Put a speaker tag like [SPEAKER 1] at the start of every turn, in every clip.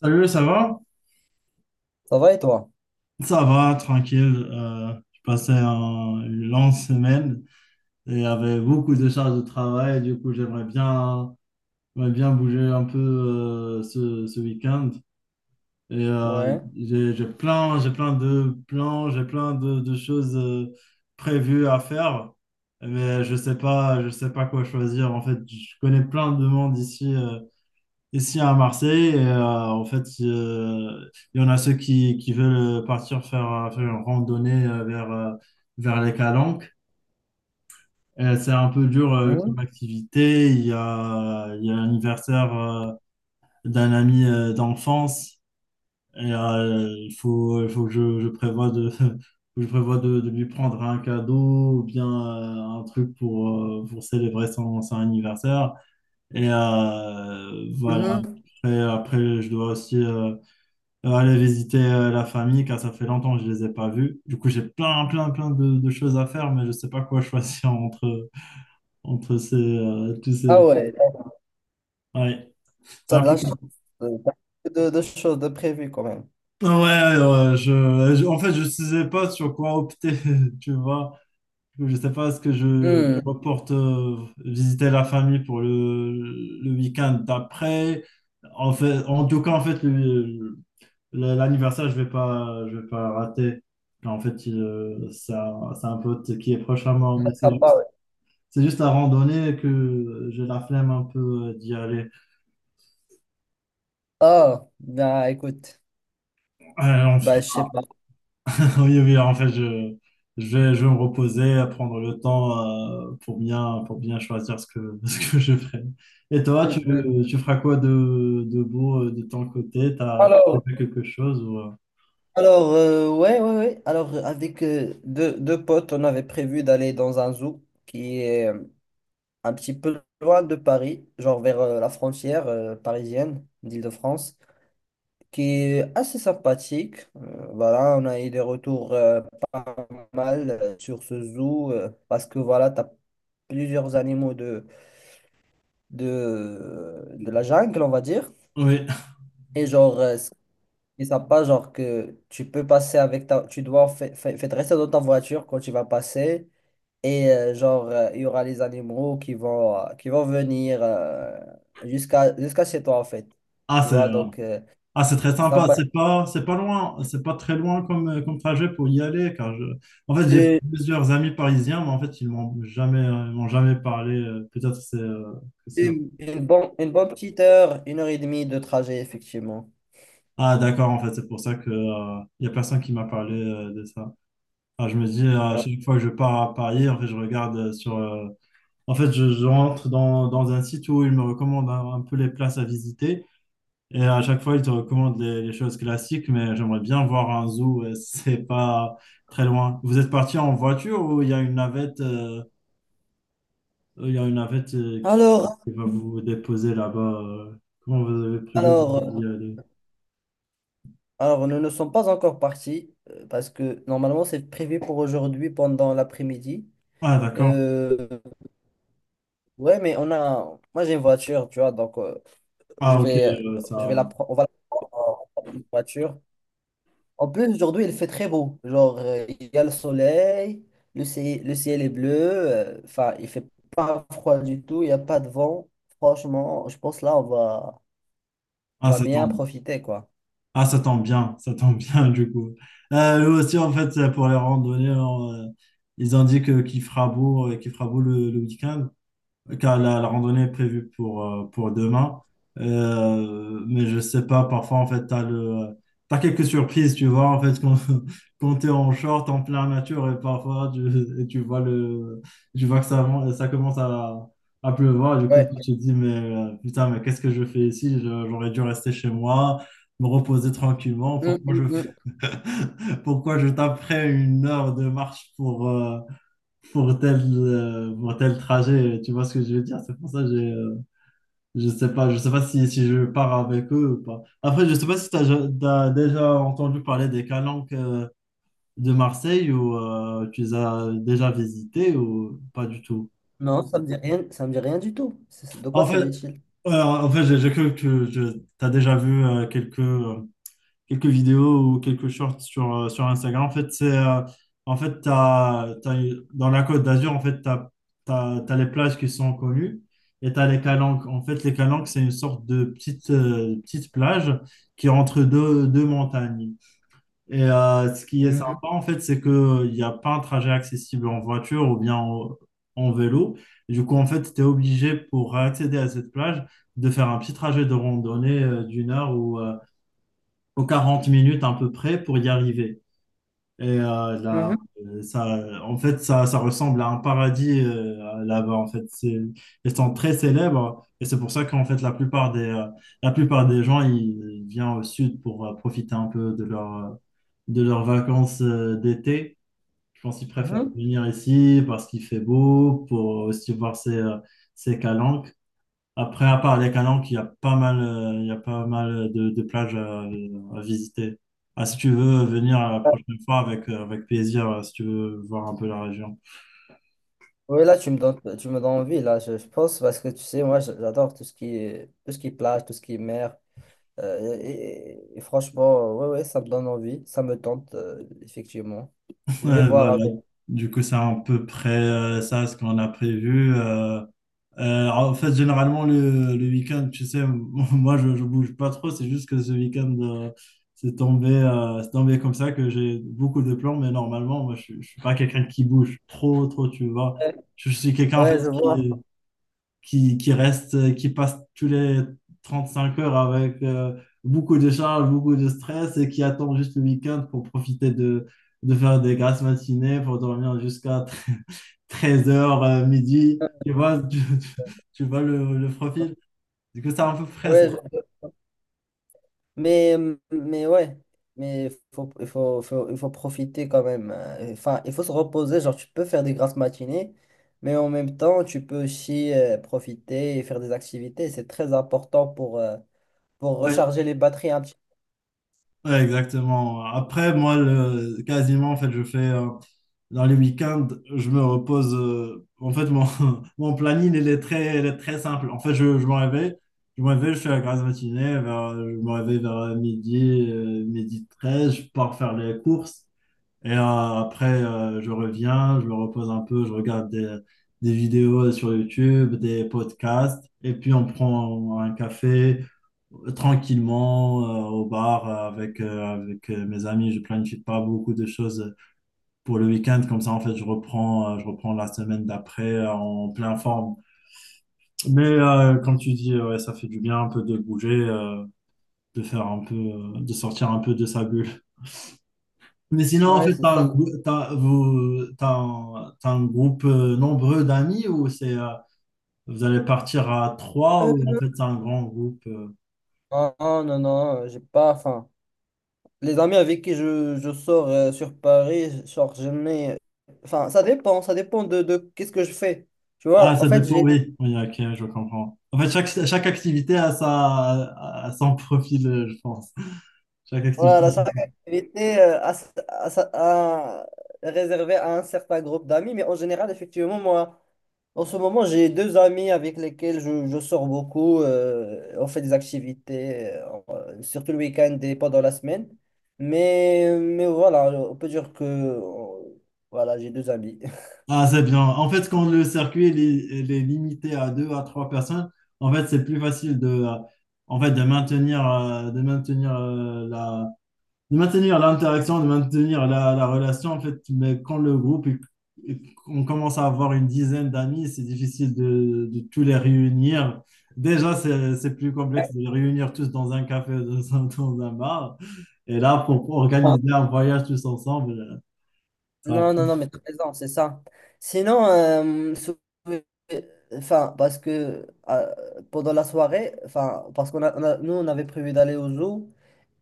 [SPEAKER 1] Salut, ça va?
[SPEAKER 2] Ça va et toi?
[SPEAKER 1] Ça va, tranquille. Je passais une longue semaine et avec beaucoup de charges de travail. Du coup, j'aimerais bien bouger un peu ce week-end. Et euh,
[SPEAKER 2] Ouais.
[SPEAKER 1] j'ai plein de plans, j'ai plein de choses prévues à faire. Mais je sais pas quoi choisir. En fait, je connais plein de monde ici. Ici à Marseille, en fait, il y en a ceux qui veulent partir faire, faire une randonnée vers les Calanques. Et c'est un peu dur comme
[SPEAKER 2] Mhm.
[SPEAKER 1] activité. Il y a l'anniversaire d'un ami d'enfance il faut que je prévoie de, que je prévois de lui prendre un cadeau ou bien un truc pour célébrer son anniversaire. Voilà,
[SPEAKER 2] Mhm.
[SPEAKER 1] après, je dois aussi aller visiter la famille, car ça fait longtemps que je les ai pas vus. Du coup, plein de choses à faire, mais je sais pas quoi choisir entre, entre ces, tous
[SPEAKER 2] Ah
[SPEAKER 1] ces.
[SPEAKER 2] ouais. t'as
[SPEAKER 1] Ouais, c'est
[SPEAKER 2] t'as
[SPEAKER 1] un
[SPEAKER 2] de
[SPEAKER 1] peu
[SPEAKER 2] la chance.
[SPEAKER 1] compliqué.
[SPEAKER 2] T'as peu de choses de prévues quand même.
[SPEAKER 1] En fait, je ne sais pas sur quoi opter, tu vois. Je ne sais pas ce que je
[SPEAKER 2] Hmm.
[SPEAKER 1] reporte visiter la famille pour le week-end d'après. En fait, en tout cas, en fait, l'anniversaire, je vais pas rater. En fait, c'est un pote qui est proche à moi, mais
[SPEAKER 2] Ah, bah ouais.
[SPEAKER 1] c'est juste la randonnée que j'ai la flemme un peu d'y aller.
[SPEAKER 2] Ah, bah écoute.
[SPEAKER 1] Ouais,
[SPEAKER 2] Bah, je sais pas.
[SPEAKER 1] oui, oui, en fait, je vais me reposer, prendre le temps pour bien choisir ce que, ce que je ferai. Et toi,
[SPEAKER 2] Hmm, hmm.
[SPEAKER 1] tu feras quoi de beau de ton côté? T'as tu
[SPEAKER 2] Alors,
[SPEAKER 1] fais quelque chose
[SPEAKER 2] alors, ouais, ouais, ouais. Alors, avec deux potes, on avait prévu d'aller dans un zoo qui est un petit peu loin de Paris, genre vers la frontière parisienne d'Île-de-France, qui est assez sympathique. Voilà, on a eu des retours pas mal sur ce zoo parce que voilà, tu as plusieurs animaux de la jungle, on va dire.
[SPEAKER 1] Oui.
[SPEAKER 2] Et genre, ce qui est sympa, genre que tu peux passer avec ta... Tu dois rester dans ta voiture quand tu vas passer. Et genre, il y aura les animaux qui vont venir jusqu'à chez toi, en fait.
[SPEAKER 1] Ah,
[SPEAKER 2] Tu
[SPEAKER 1] c'est,
[SPEAKER 2] vois,
[SPEAKER 1] euh,
[SPEAKER 2] donc,
[SPEAKER 1] Ah, c'est très
[SPEAKER 2] c'est
[SPEAKER 1] sympa.
[SPEAKER 2] sympa.
[SPEAKER 1] C'est pas loin, c'est pas très loin comme, comme trajet pour y aller, en fait, j'ai plusieurs amis parisiens, mais en fait, ils m'ont jamais parlé. Peut-être c'est, que c'est.
[SPEAKER 2] Une bonne petite heure, une heure et demie de trajet, effectivement.
[SPEAKER 1] Ah, d'accord. En fait, c'est pour ça que, y a personne qui m'a parlé, de ça. Ah, je me dis, à
[SPEAKER 2] Ouais.
[SPEAKER 1] chaque fois que je pars à Paris, en fait, je regarde en fait, je rentre dans, dans un site où ils me recommandent un peu les places à visiter. Et à chaque fois, ils te recommandent les choses classiques, mais j'aimerais bien voir un zoo, si c'est pas très loin. Vous êtes parti en voiture ou il y a une navette
[SPEAKER 2] Alors,
[SPEAKER 1] qui va vous déposer là-bas? Comment vous avez prévu
[SPEAKER 2] alors, euh,
[SPEAKER 1] d'y aller?
[SPEAKER 2] alors, nous ne sommes pas encore partis parce que normalement c'est prévu pour aujourd'hui pendant l'après-midi.
[SPEAKER 1] Ah, d'accord.
[SPEAKER 2] Euh, ouais, mais moi j'ai une voiture, tu vois, donc je
[SPEAKER 1] Ah, ok,
[SPEAKER 2] vais, je vais la, pre- on va la prendre en voiture. En plus, aujourd'hui, il fait très beau. Genre, il y a le soleil, le ciel est bleu. Enfin, il fait pas froid du tout, il n'y a pas de vent. Franchement, je pense là, on
[SPEAKER 1] ah,
[SPEAKER 2] va
[SPEAKER 1] ça
[SPEAKER 2] bien
[SPEAKER 1] tombe.
[SPEAKER 2] profiter, quoi.
[SPEAKER 1] Ah, ça tombe bien, ça tombe bien du coup. Nous aussi, en fait, pour les randonnées, on, ils ont dit que qu'il fera beau le week-end. Car la randonnée est prévue pour demain. Mais je sais pas, parfois, en fait, t'as quelques surprises, tu vois, en fait, quand, quand t'es en short, en plein nature, et parfois, tu, et tu vois tu vois que ça, ça commence à pleuvoir, du coup, tu
[SPEAKER 2] Ouais.
[SPEAKER 1] te dis, mais putain, mais qu'est-ce que je fais ici? J'aurais dû rester chez moi, me reposer tranquillement,
[SPEAKER 2] Hum,
[SPEAKER 1] pourquoi je,
[SPEAKER 2] hum, hum.
[SPEAKER 1] pourquoi je taperais une heure de marche pour tel trajet. Tu vois ce que je veux dire? C'est pour ça que j'ai, je sais pas si je pars avec eux ou pas. Après, je sais pas si tu as déjà entendu parler des Calanques de Marseille ou tu les as déjà visités ou pas du tout.
[SPEAKER 2] Non, ça me dit rien, ça me dit rien du tout. De quoi
[SPEAKER 1] En fait,
[SPEAKER 2] s'agit-il?
[SPEAKER 1] j'ai cru que tu as déjà vu quelques quelques vidéos ou quelques shorts sur, sur Instagram. En fait, c'est, en fait, dans la Côte d'Azur, en fait, tu as les plages qui sont connues et tu as les calanques. En fait, les calanques, c'est une sorte de petite, petite plage qui est entre deux, deux montagnes. Ce qui est sympa,
[SPEAKER 2] Mhm,
[SPEAKER 1] en fait, c'est qu'il n'y a pas un trajet accessible en voiture ou bien en, en vélo. Du coup, en fait, tu es obligé pour accéder à cette plage de faire un petit trajet de randonnée d'une heure ou aux 40 minutes à peu près pour y arriver. Là,
[SPEAKER 2] mhm,
[SPEAKER 1] ça, en fait, ça ressemble à un paradis là-bas. En fait, c'est, ils sont très célèbres et c'est pour ça qu'en fait, la plupart des gens, ils viennent au sud pour profiter un peu de leur, de leurs vacances d'été. Je pense qu'ils préfèrent
[SPEAKER 2] mhm.
[SPEAKER 1] venir ici parce qu'il fait beau, pour aussi voir ces, ces calanques. Après, à part les Calanques, il y a pas mal de plages à visiter. Ah, si tu veux venir la prochaine fois avec, avec plaisir, si tu veux voir un peu la région.
[SPEAKER 2] Oui, là, tu me donnes envie, là, je pense, parce que tu sais, moi, j'adore tout ce qui est plage, tout ce qui est mer. Euh, et, et franchement, ouais, ouais, ça me donne envie, ça me tente, effectivement. Je vais
[SPEAKER 1] Ouais,
[SPEAKER 2] voir
[SPEAKER 1] voilà.
[SPEAKER 2] avec.
[SPEAKER 1] Du coup, c'est à peu près ça ce qu'on a prévu. En fait, généralement, le week-end, tu sais, moi, je bouge pas trop. C'est juste que ce week-end, c'est tombé comme ça que j'ai beaucoup de plans. Mais normalement, moi, je suis pas quelqu'un qui bouge trop, trop, tu vois. Je suis quelqu'un, en
[SPEAKER 2] Ouais,
[SPEAKER 1] fait,
[SPEAKER 2] je vois.
[SPEAKER 1] qui reste, qui passe tous les 35 heures avec beaucoup de charges, beaucoup de stress et qui attend juste le week-end pour profiter de faire des grasses matinées, pour dormir jusqu'à 13 heures, midi. Tu vois, tu, tu vois le profil. Du coup, c'est à peu près ça.
[SPEAKER 2] Ouais, je- Mais, mais ouais, mais il faut profiter quand même. Enfin, il faut se reposer. Genre, tu peux faire des grasses matinées, mais en même temps, tu peux aussi profiter et faire des activités. C'est très important pour
[SPEAKER 1] Ouais,
[SPEAKER 2] recharger les batteries un petit
[SPEAKER 1] ouais, exactement. Après, moi, quasiment, en fait, je fais dans les week-ends, je me repose. En fait, mon, mon planning, il est très simple. En fait, je me réveille, je fais la grasse matinée, je me réveille vers midi, midi 13 je pars faire les courses. Et euh, après, je reviens, je me repose un peu, je regarde des vidéos sur YouTube, des podcasts, et puis on prend un café tranquillement au bar avec mes amis. Je planifie pas beaucoup de choses pour le week-end. Comme ça, en fait, je reprends la semaine d'après en pleine forme. Comme tu dis, ouais, ça fait du bien un peu de bouger, de faire un peu, de sortir un peu de sa bulle. Mais sinon,
[SPEAKER 2] peu.
[SPEAKER 1] en
[SPEAKER 2] Ouais,
[SPEAKER 1] fait,
[SPEAKER 2] c'est ça.
[SPEAKER 1] t'as un groupe nombreux d'amis ou c'est, vous allez partir à trois ou en fait, c'est un grand groupe?
[SPEAKER 2] Non, non, non, non, j'ai pas faim. Les amis avec qui je sors sur Paris, genre, je mets... Enfin, ça dépend de qu'est-ce que je fais. Tu
[SPEAKER 1] Ah,
[SPEAKER 2] vois, en
[SPEAKER 1] ça
[SPEAKER 2] fait,
[SPEAKER 1] dépend,
[SPEAKER 2] j'ai...
[SPEAKER 1] oui. Oui, ok, je comprends. En fait, chaque activité a, sa, a son profil, je pense. Chaque
[SPEAKER 2] Voilà,
[SPEAKER 1] activité.
[SPEAKER 2] chaque activité à, s- à sa- à- réservée à un certain groupe d'amis, mais en général, effectivement, moi, en ce moment, j'ai deux amis avec lesquels je sors beaucoup. On fait des activités, surtout le week-end et pendant la semaine. Mais voilà, on peut dire que... Voilà, j'ai deux amis.
[SPEAKER 1] Ah, c'est bien. En fait, quand le circuit il est limité à deux à trois personnes, en fait, c'est plus facile de, en fait, de maintenir, de maintenir de maintenir l'interaction, de maintenir la relation, en fait, mais quand le groupe, est- on commence à avoir une dizaine d'amis, c'est difficile de tous les réunir. Déjà, c'est plus complexe de les réunir tous dans un café, ou dans un bar. Et là, pour organiser un voyage tous ensemble, ça
[SPEAKER 2] Non, non, non, mais t'as raison, c'est ça. Sinon, enfin, parce que pendant la soirée, enfin, parce qu'on a, on a- nous, on avait prévu d'aller au zoo,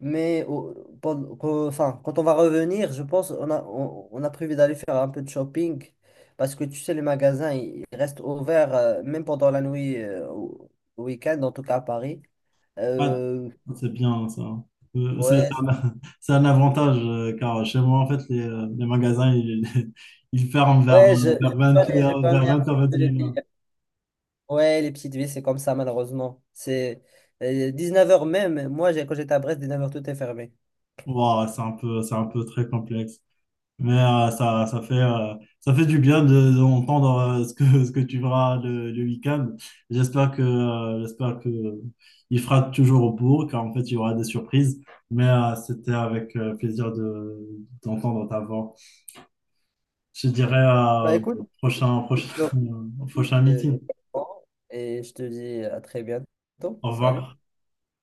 [SPEAKER 2] mais enfin, quand on va revenir, je pense, on a prévu d'aller faire un peu de shopping, parce que tu sais, les magasins, ils restent ouverts, même pendant la nuit, au week-end, en tout cas à Paris.
[SPEAKER 1] va
[SPEAKER 2] Euh,
[SPEAKER 1] pas- c'est bien, ça. C'est
[SPEAKER 2] ouais, je-
[SPEAKER 1] c'est un avantage, car chez moi, en fait, les magasins, ils, ils ferment vers,
[SPEAKER 2] ouais,
[SPEAKER 1] vers
[SPEAKER 2] je
[SPEAKER 1] 20h, vers
[SPEAKER 2] connais un petit peu le
[SPEAKER 1] 20h.
[SPEAKER 2] délire. Ouais, les petites villes, c'est comme ça, malheureusement. C'est 19h même. Moi, quand j'étais à Brest, 19h tout est fermé.
[SPEAKER 1] Ouah, c'est un peu très complexe. Ça, ça fait du bien de, d'entendre ce que, ce que tu verras le week-end. J'espère que il fera toujours au bourg, car en fait, il y aura des surprises. C'était avec plaisir d'entendre ta voix. Je dirais
[SPEAKER 2] Bah écoute,
[SPEAKER 1] prochain,
[SPEAKER 2] je te
[SPEAKER 1] prochain,
[SPEAKER 2] remercie,
[SPEAKER 1] prochain meeting.
[SPEAKER 2] et je te dis à très bientôt.
[SPEAKER 1] Au
[SPEAKER 2] Salut.
[SPEAKER 1] revoir.